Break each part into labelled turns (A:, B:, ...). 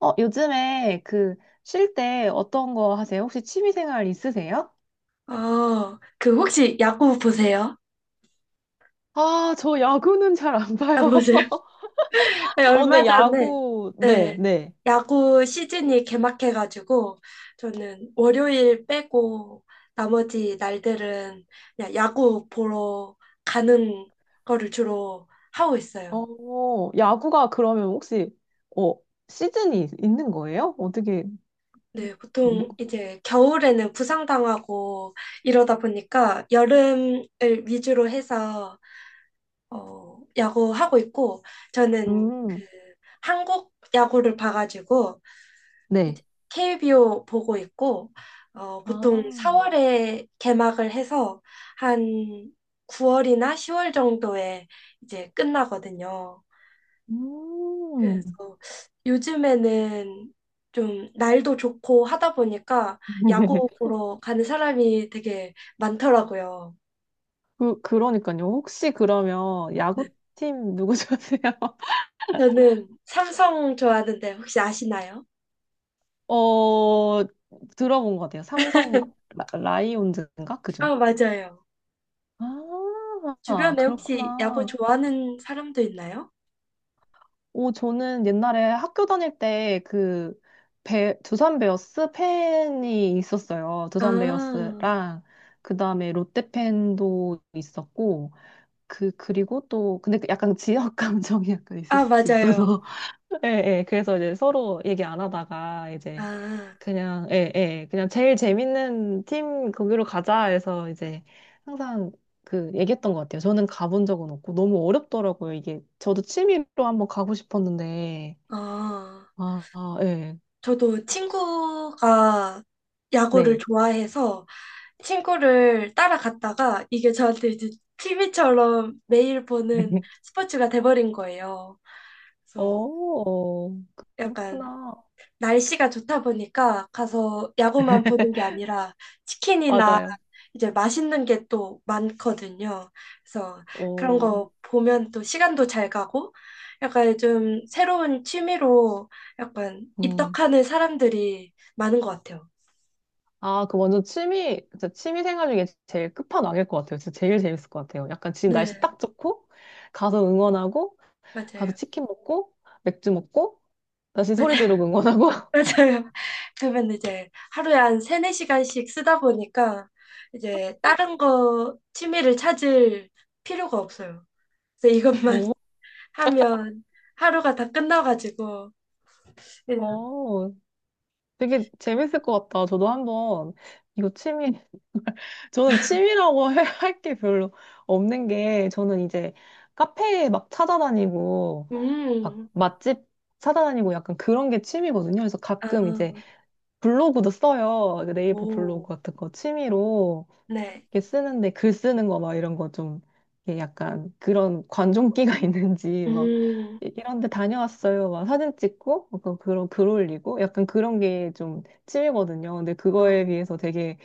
A: 요즘에 그 쉴 때 어떤 거 하세요? 혹시 취미 생활 있으세요?
B: 그 혹시 야구 보세요?
A: 아, 저 야구는 잘 안
B: 안
A: 봐요.
B: 보세요? 네,
A: 어,
B: 얼마
A: 데
B: 전에
A: 야구, 네,
B: 네,
A: 네.
B: 야구 시즌이 개막해가지고 저는 월요일 빼고 나머지 날들은 그냥 야구 보러 가는 거를 주로 하고 있어요.
A: 어, 야구가 그러면 혹시, 어, 시즌이 있는 거예요? 어떻게,
B: 네,
A: 뭐,
B: 보통 이제 겨울에는 부상당하고 이러다 보니까 여름을 위주로 해서 야구 하고 있고 저는 그
A: 음,
B: 한국 야구를 봐가지고
A: 네.
B: 이제 KBO 보고 있고 보통
A: 아,
B: 4월에 개막을 해서 한 9월이나 10월 정도에 이제 끝나거든요.
A: 음.
B: 그래서 요즘에는 좀 날도 좋고 하다 보니까 야구 보러 가는 사람이 되게 많더라고요.
A: 그, 그러니까요. 혹시 그러면
B: 네.
A: 야구팀 누구 좋아하세요?
B: 저는 삼성 좋아하는데 혹시 아시나요?
A: 어, 들어본 것 같아요. 삼성 라이온즈인가? 그죠?
B: 아, 맞아요.
A: 아,
B: 주변에 혹시 야구
A: 그렇구나.
B: 좋아하는 사람도 있나요?
A: 오, 저는 옛날에 학교 다닐 때 그 두산 베어스 팬이 있었어요. 두산
B: 아,
A: 베어스랑 그다음에 롯데 팬도 있었고 그 그리고 또 근데 그 약간 지역 감정이 약간 있을
B: 아,
A: 수
B: 맞아요.
A: 있어서 예, 예. 그래서 이제 서로 얘기 안 하다가 이제
B: 아,
A: 그냥, 예, 예. 그냥 제일 재밌는 팀 거기로 가자 해서 이제 항상 그 얘기했던 것 같아요. 저는 가본 적은 없고 너무 어렵더라고요. 이게 저도 취미로 한번 가고 싶었는데.
B: 어,
A: 아, 아, 예.
B: 저도 친구가 야구를
A: 네.
B: 좋아해서 친구를 따라갔다가 이게 저한테 이제 TV처럼 매일 보는 스포츠가 돼버린 거예요. 그래서
A: 어,
B: 약간
A: 그렇구나.
B: 날씨가 좋다 보니까 가서 야구만 보는 게 아니라 치킨이나
A: 맞아요.
B: 이제 맛있는 게 또 많거든요. 그래서 그런
A: 어.
B: 거 보면 또 시간도 잘 가고 약간 좀 새로운 취미로 약간
A: 음.
B: 입덕하는 사람들이 많은 것 같아요.
A: 아, 그 완전 취미, 진짜 취미 생활 중에 제일 끝판왕일 것 같아요. 진짜 제일 재밌을 것 같아요. 약간 지금 날씨
B: 네,
A: 딱 좋고, 가서 응원하고, 가서
B: 맞아요.
A: 치킨 먹고, 맥주 먹고, 다시
B: 맞아요.
A: 소리 지르고 응원하고.
B: 맞아요. 그러면 이제 하루에 한 세네 시간씩 쓰다 보니까 이제 다른 거 취미를 찾을 필요가 없어요. 그래서 이것만 하면 하루가 다 끝나가지고 그냥
A: 오, 어, 되게 재밌을 것 같다. 저도 한번, 이거 취미, 저는 취미라고 할 게 별로 없는 게, 저는 이제 카페 막 찾아다니고, 막
B: 음,
A: 맛집 찾아다니고 약간 그런 게 취미거든요. 그래서
B: 아,
A: 가끔 이제 블로그도 써요. 그 네이버
B: 오,
A: 블로그 같은 거 취미로
B: 네,
A: 이렇게 쓰는데 글 쓰는 거 막 이런 거 좀 약간 그런 관종기가 있는지 막
B: 음,
A: 이런 데 다녀왔어요. 막 사진 찍고 약간 그런 글 올리고 약간 그런 게 좀 취미거든요. 근데
B: 어,
A: 그거에 비해서 되게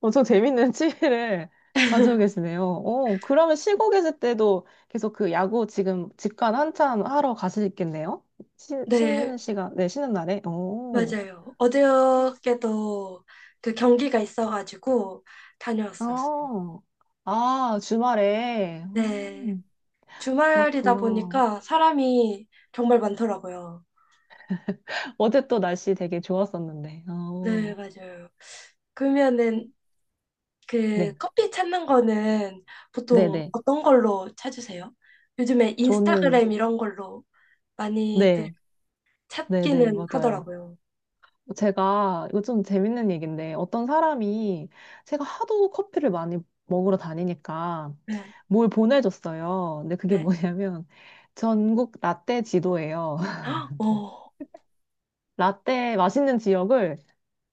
A: 엄청 재밌는 취미를 가지고 계시네요. 어, 그러면 쉬고 계실 때도 계속 그 야구 지금 직관 한참 하러 가시겠네요? 쉬,
B: 네,
A: 쉬는 시간, 네, 쉬는 날에. 어.
B: 맞아요. 어저께도 그 경기가 있어가지고 다녀왔어요.
A: 어, 아, 주말에.
B: 네, 주말이다
A: 그렇구나.
B: 보니까 사람이 정말 많더라고요.
A: 어제 또 날씨 되게 좋았었는데.
B: 네,
A: 어,
B: 맞아요. 그러면은 그
A: 네,
B: 커피 찾는 거는
A: 네
B: 보통
A: 네.
B: 어떤 걸로 찾으세요? 요즘에
A: 저는,
B: 인스타그램 이런 걸로 많이들
A: 네, 네 네,
B: 찾기는
A: 맞아요.
B: 하더라고요.
A: 제가 요즘 재밌는 얘기인데 어떤 사람이 제가 하도 커피를 많이 먹으러 다니니까
B: 네,
A: 뭘 보내줬어요. 근데 그게
B: 네.
A: 뭐냐면 전국 라떼 지도예요.
B: 헉, 어,
A: 라떼 맛있는 지역을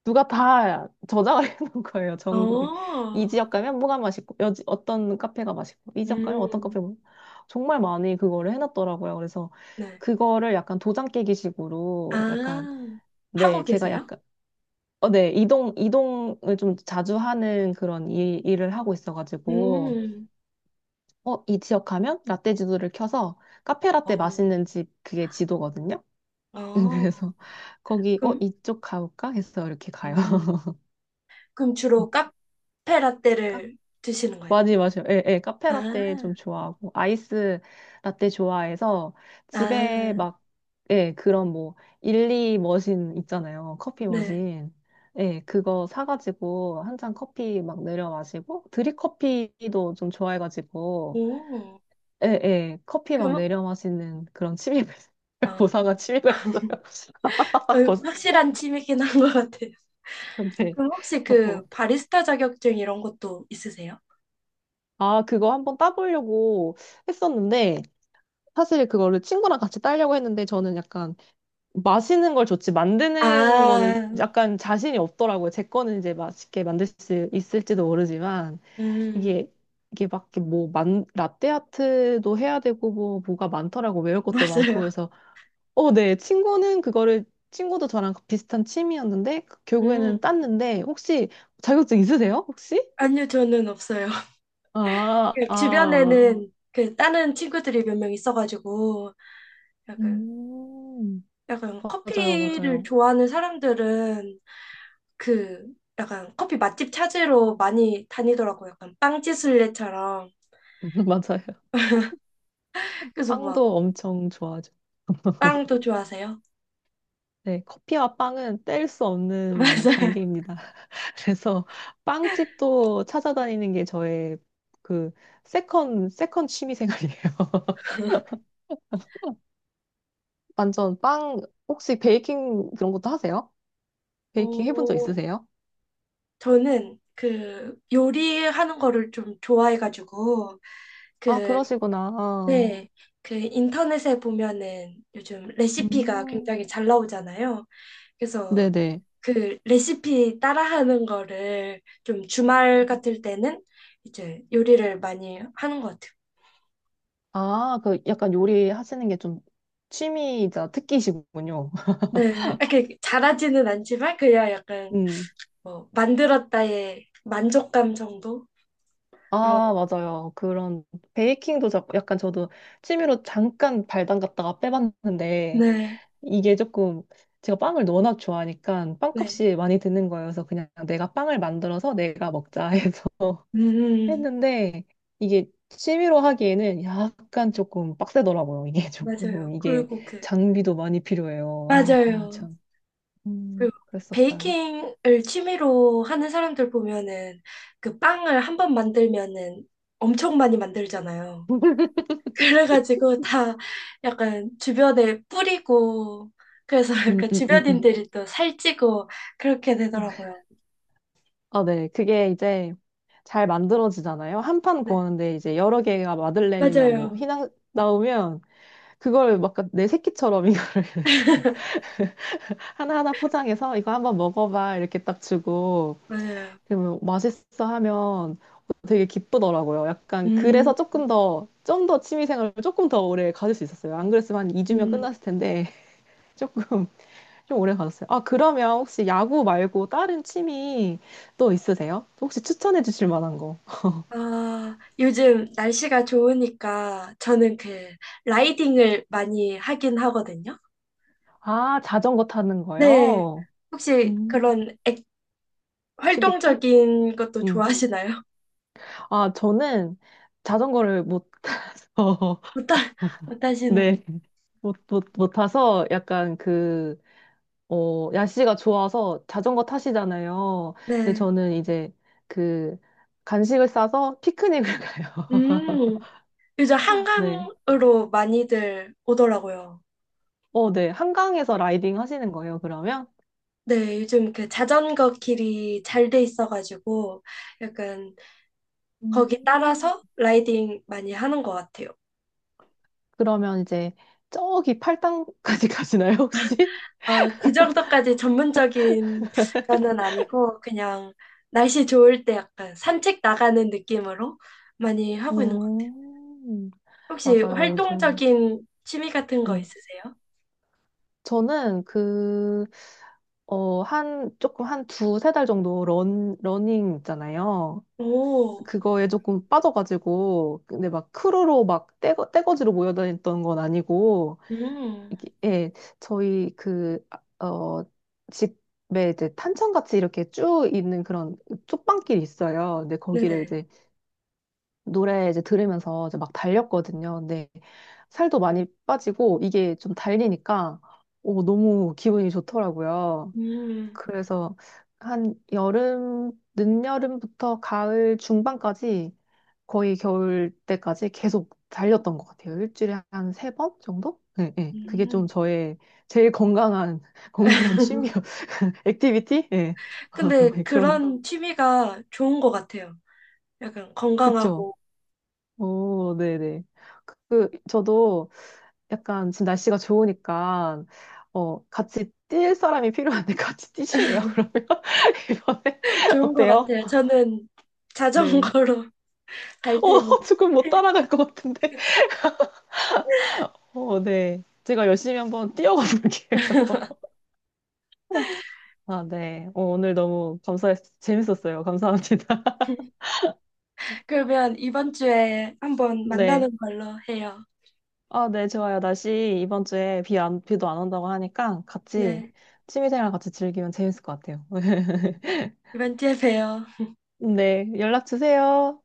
A: 누가 다 저장을 해놓은 거예요, 전국에. 이
B: 어,
A: 지역 가면 뭐가 맛있고, 여지, 어떤 카페가 맛있고, 이 지역 가면 어떤
B: 음,
A: 카페가 맛있고. 정말 많이 그거를 해놨더라고요. 그래서
B: 네.
A: 그거를 약간 도장 깨기 식으로 약간,
B: 아, 하고
A: 네, 제가
B: 계세요?
A: 약간, 어, 네, 이동을 좀 자주 하는 그런 일을 하고 있어가지고,
B: 음,
A: 어, 이 지역 가면 라떼 지도를 켜서 카페 라떼
B: 어,
A: 맛있는 집 그게 지도거든요.
B: 어,
A: 그래서 거기, 어,
B: 그럼,
A: 이쪽 가볼까? 해서 이렇게 가요.
B: 음, 그럼 주로 카페 라떼를 드시는 거예요?
A: 맞이 맞아요. 예, 예. 카페 라떼 좀
B: 아,
A: 좋아하고 아이스 라떼 좋아해서 집에
B: 아,
A: 막 예, 그런 뭐 일리 머신 있잖아요. 커피
B: 네.
A: 머신. 예, 그거 사가지고 한 잔 커피 막 내려 마시고 드립 커피도 좀 좋아해가지고
B: 오,
A: 예, 예. 커피 막
B: 그럼,
A: 내려 마시는 그런 취미가 있어요.
B: 어, 어,
A: 고사가 취미가 있어요. 아, 고...
B: 확실한 취미긴 한 것 같아요.
A: 네.
B: 그럼 혹시
A: 어.
B: 그 바리스타 자격증 이런 것도 있으세요?
A: 아, 그거 한번 따보려고 했었는데 사실 그거를 친구랑 같이 따려고 했는데 저는 약간 마시는 걸 좋지 만드는 거는
B: 아,
A: 약간 자신이 없더라고요. 제 거는 이제 맛있게 만들 수 있을지도 모르지만
B: 음,
A: 이게 이게 막뭐만 라떼 아트도 해야 되고 뭐가 많더라고 외울 것도 많고
B: 맞아요.
A: 그래서 어, 네 친구는 그거를 친구도 저랑 비슷한 취미였는데 그
B: 음,
A: 결국에는 땄는데 혹시 자격증 있으세요? 혹시?
B: 아니요, 저는 없어요.
A: 아,
B: 그
A: 아, 맞,
B: 주변에는 그 다른 친구들이 몇 명 있어가지고 약간
A: 음,
B: 약간
A: 맞아요,
B: 커피를
A: 맞아요,
B: 좋아하는 사람들은 그 약간 커피 맛집 찾으러 많이 다니더라고요. 약간 빵지순례처럼.
A: 맞아요.
B: 그래서 막
A: 빵도 엄청 좋아.
B: 빵도 좋아하세요?
A: 네, 커피와 빵은 뗄 수 없는
B: 맞아요.
A: 관계입니다. 그래서 빵집도 찾아다니는 게 저의 그 세컨 취미 생활이에요. 완전 빵, 혹시 베이킹 그런 것도 하세요? 베이킹 해본 적
B: 어,
A: 있으세요?
B: 저는 그 요리하는 거를 좀 좋아해가지고
A: 아,
B: 그
A: 그러시구나.
B: 네. 그 인터넷에 보면은 요즘 레시피가
A: 음,
B: 굉장히 잘 나오잖아요. 그래서
A: 네네.
B: 그 레시피 따라하는 거를 좀 주말 같을 때는 이제 요리를 많이 하는 것 같아요.
A: 아, 그 약간 요리 하시는 게 좀 취미이자 특기시군요.
B: 네, 이렇게 잘하지는 않지만 그냥 약간
A: 음.
B: 뭐 만들었다의 만족감 정도로.
A: 아, 맞아요. 그런 베이킹도 자- 약간 저도 취미로 잠깐 발 담갔다가 빼봤는데
B: 네,
A: 이게 조금 제가 빵을 워낙 좋아하니까
B: 네,
A: 빵값이 많이 드는 거여서 그냥 내가 빵을 만들어서 내가 먹자 해서
B: 음,
A: 했는데 이게 취미로 하기에는 약간 조금 빡세더라고요. 이게
B: 맞아요.
A: 조금
B: 그리고
A: 이게
B: 그
A: 장비도 많이 필요해요. 아, 아,
B: 맞아요.
A: 참.
B: 그
A: 그랬었어요.
B: 베이킹을 취미로 하는 사람들 보면은 그 빵을 한 번 만들면은 엄청 많이 만들잖아요. 그래가지고 다 약간 주변에 뿌리고 그래서
A: 음,
B: 약간
A: 음, 음, 음.
B: 주변인들이 또 살찌고 그렇게 되더라고요.
A: 아, 네. 그게 이제 잘 만들어지잖아요. 한 판
B: 네.
A: 구하는데 이제 여러 개가 마들렌이나 뭐
B: 맞아요.
A: 휘낭 나오면 그걸 막 내 새끼처럼 이거를 하나하나 포장해서 이거 한번 먹어봐 이렇게 딱 주고
B: 맞아요.
A: 그러면 맛있어 하면 되게 기쁘더라고요. 약간
B: 음,
A: 그래서 조금 더 좀 더 취미생활을 조금 더 오래 가질 수 있었어요. 안 그랬으면 한 2주면
B: 음.
A: 끝났을 텐데 조금 좀 오래 가졌어요. 아, 그러면 혹시 야구 말고 다른 취미 또 있으세요? 혹시 추천해 주실 만한 거?
B: 아, 요즘 날씨가 좋으니까 저는 그 라이딩을 많이 하긴 하거든요.
A: 아, 자전거 타는
B: 네.
A: 거요?
B: 혹시
A: 음,
B: 그런
A: TBT?
B: 활동적인 것도
A: 음.
B: 좋아하시나요?
A: 아, 저는 자전거를 못 타서,
B: 못, 하, 못 하시는군.
A: 네, 못 타서 약간 그, 어, 날씨가 좋아서 자전거 타시잖아요. 근데
B: 네.
A: 저는 이제 그 간식을 싸서 피크닉을 가요.
B: 음. 요즘
A: 네.
B: 한강으로 많이들 오더라고요.
A: 어, 네. 한강에서 라이딩 하시는 거예요, 그러면?
B: 네, 요즘 그 자전거 길이 잘 돼 있어가지고 약간 거기
A: 음.
B: 따라서 라이딩 많이 하는 것 같아요.
A: 그러면 이제 저기 팔당까지 가시나요, 혹시?
B: 그 정도까지 전문적인 거는 아니고 그냥 날씨 좋을 때 약간 산책 나가는 느낌으로 많이 하고 있는 것 같아요.
A: 음,
B: 혹시
A: 맞아요, 요즘.
B: 활동적인 취미 같은 거
A: 음.
B: 있으세요?
A: 저는 그, 어, 한, 조금 한 두세 달 정도 러닝 있잖아요.
B: 오,
A: 그거에 조금 빠져가지고, 근데 막 크루로 막 떼거지로 모여다녔던 건 아니고,
B: 음,
A: 이게, 예, 저희 그, 아, 어, 집에 이제 탄천같이 이렇게 쭉 있는 그런 쪽방길이 있어요. 근데 거기를
B: 네네.
A: 이제 노래 이제 들으면서 이제 막 달렸거든요. 근데 살도 많이 빠지고 이게 좀 달리니까 오, 너무 기분이 좋더라고요.
B: 음,
A: 그래서 한 여름, 늦여름부터 가을 중반까지 거의 겨울 때까지 계속 달렸던 것 같아요. 일주일에 한 3번 정도? 네, 네. 그게 좀
B: 음.
A: 저의 제일 건강한, 건강한 취미, 액티비티? 네.
B: 근데
A: 네, 그런,
B: 그런 취미가 좋은 것 같아요. 약간
A: 그쵸.
B: 건강하고
A: 오, 네네. 그, 저도 약간 지금 날씨가 좋으니까 어 같이 뛸 사람이 필요한데 같이 뛰실래요? 그러면 이번에
B: 좋은 것
A: 어때요?
B: 같아요. 저는
A: 네.
B: 자전거로 갈
A: 어
B: 테니.
A: 조금 못 따라갈 것 같은데. 어 네. 제가 열심히 한번 뛰어가 볼게요. 아 네. 어, 오늘 너무 감사했 재밌었어요. 감사합니다.
B: 그러면 이번 주에 한번
A: 네.
B: 만나는 걸로 해요.
A: 아 네 좋아요. 날씨 이번 주에 비 안, 비도 안 온다고 하니까 같이
B: 네.
A: 취미생활 같이 즐기면 재밌을 것 같아요.
B: 이번 주에 봬요.
A: 네 연락 주세요.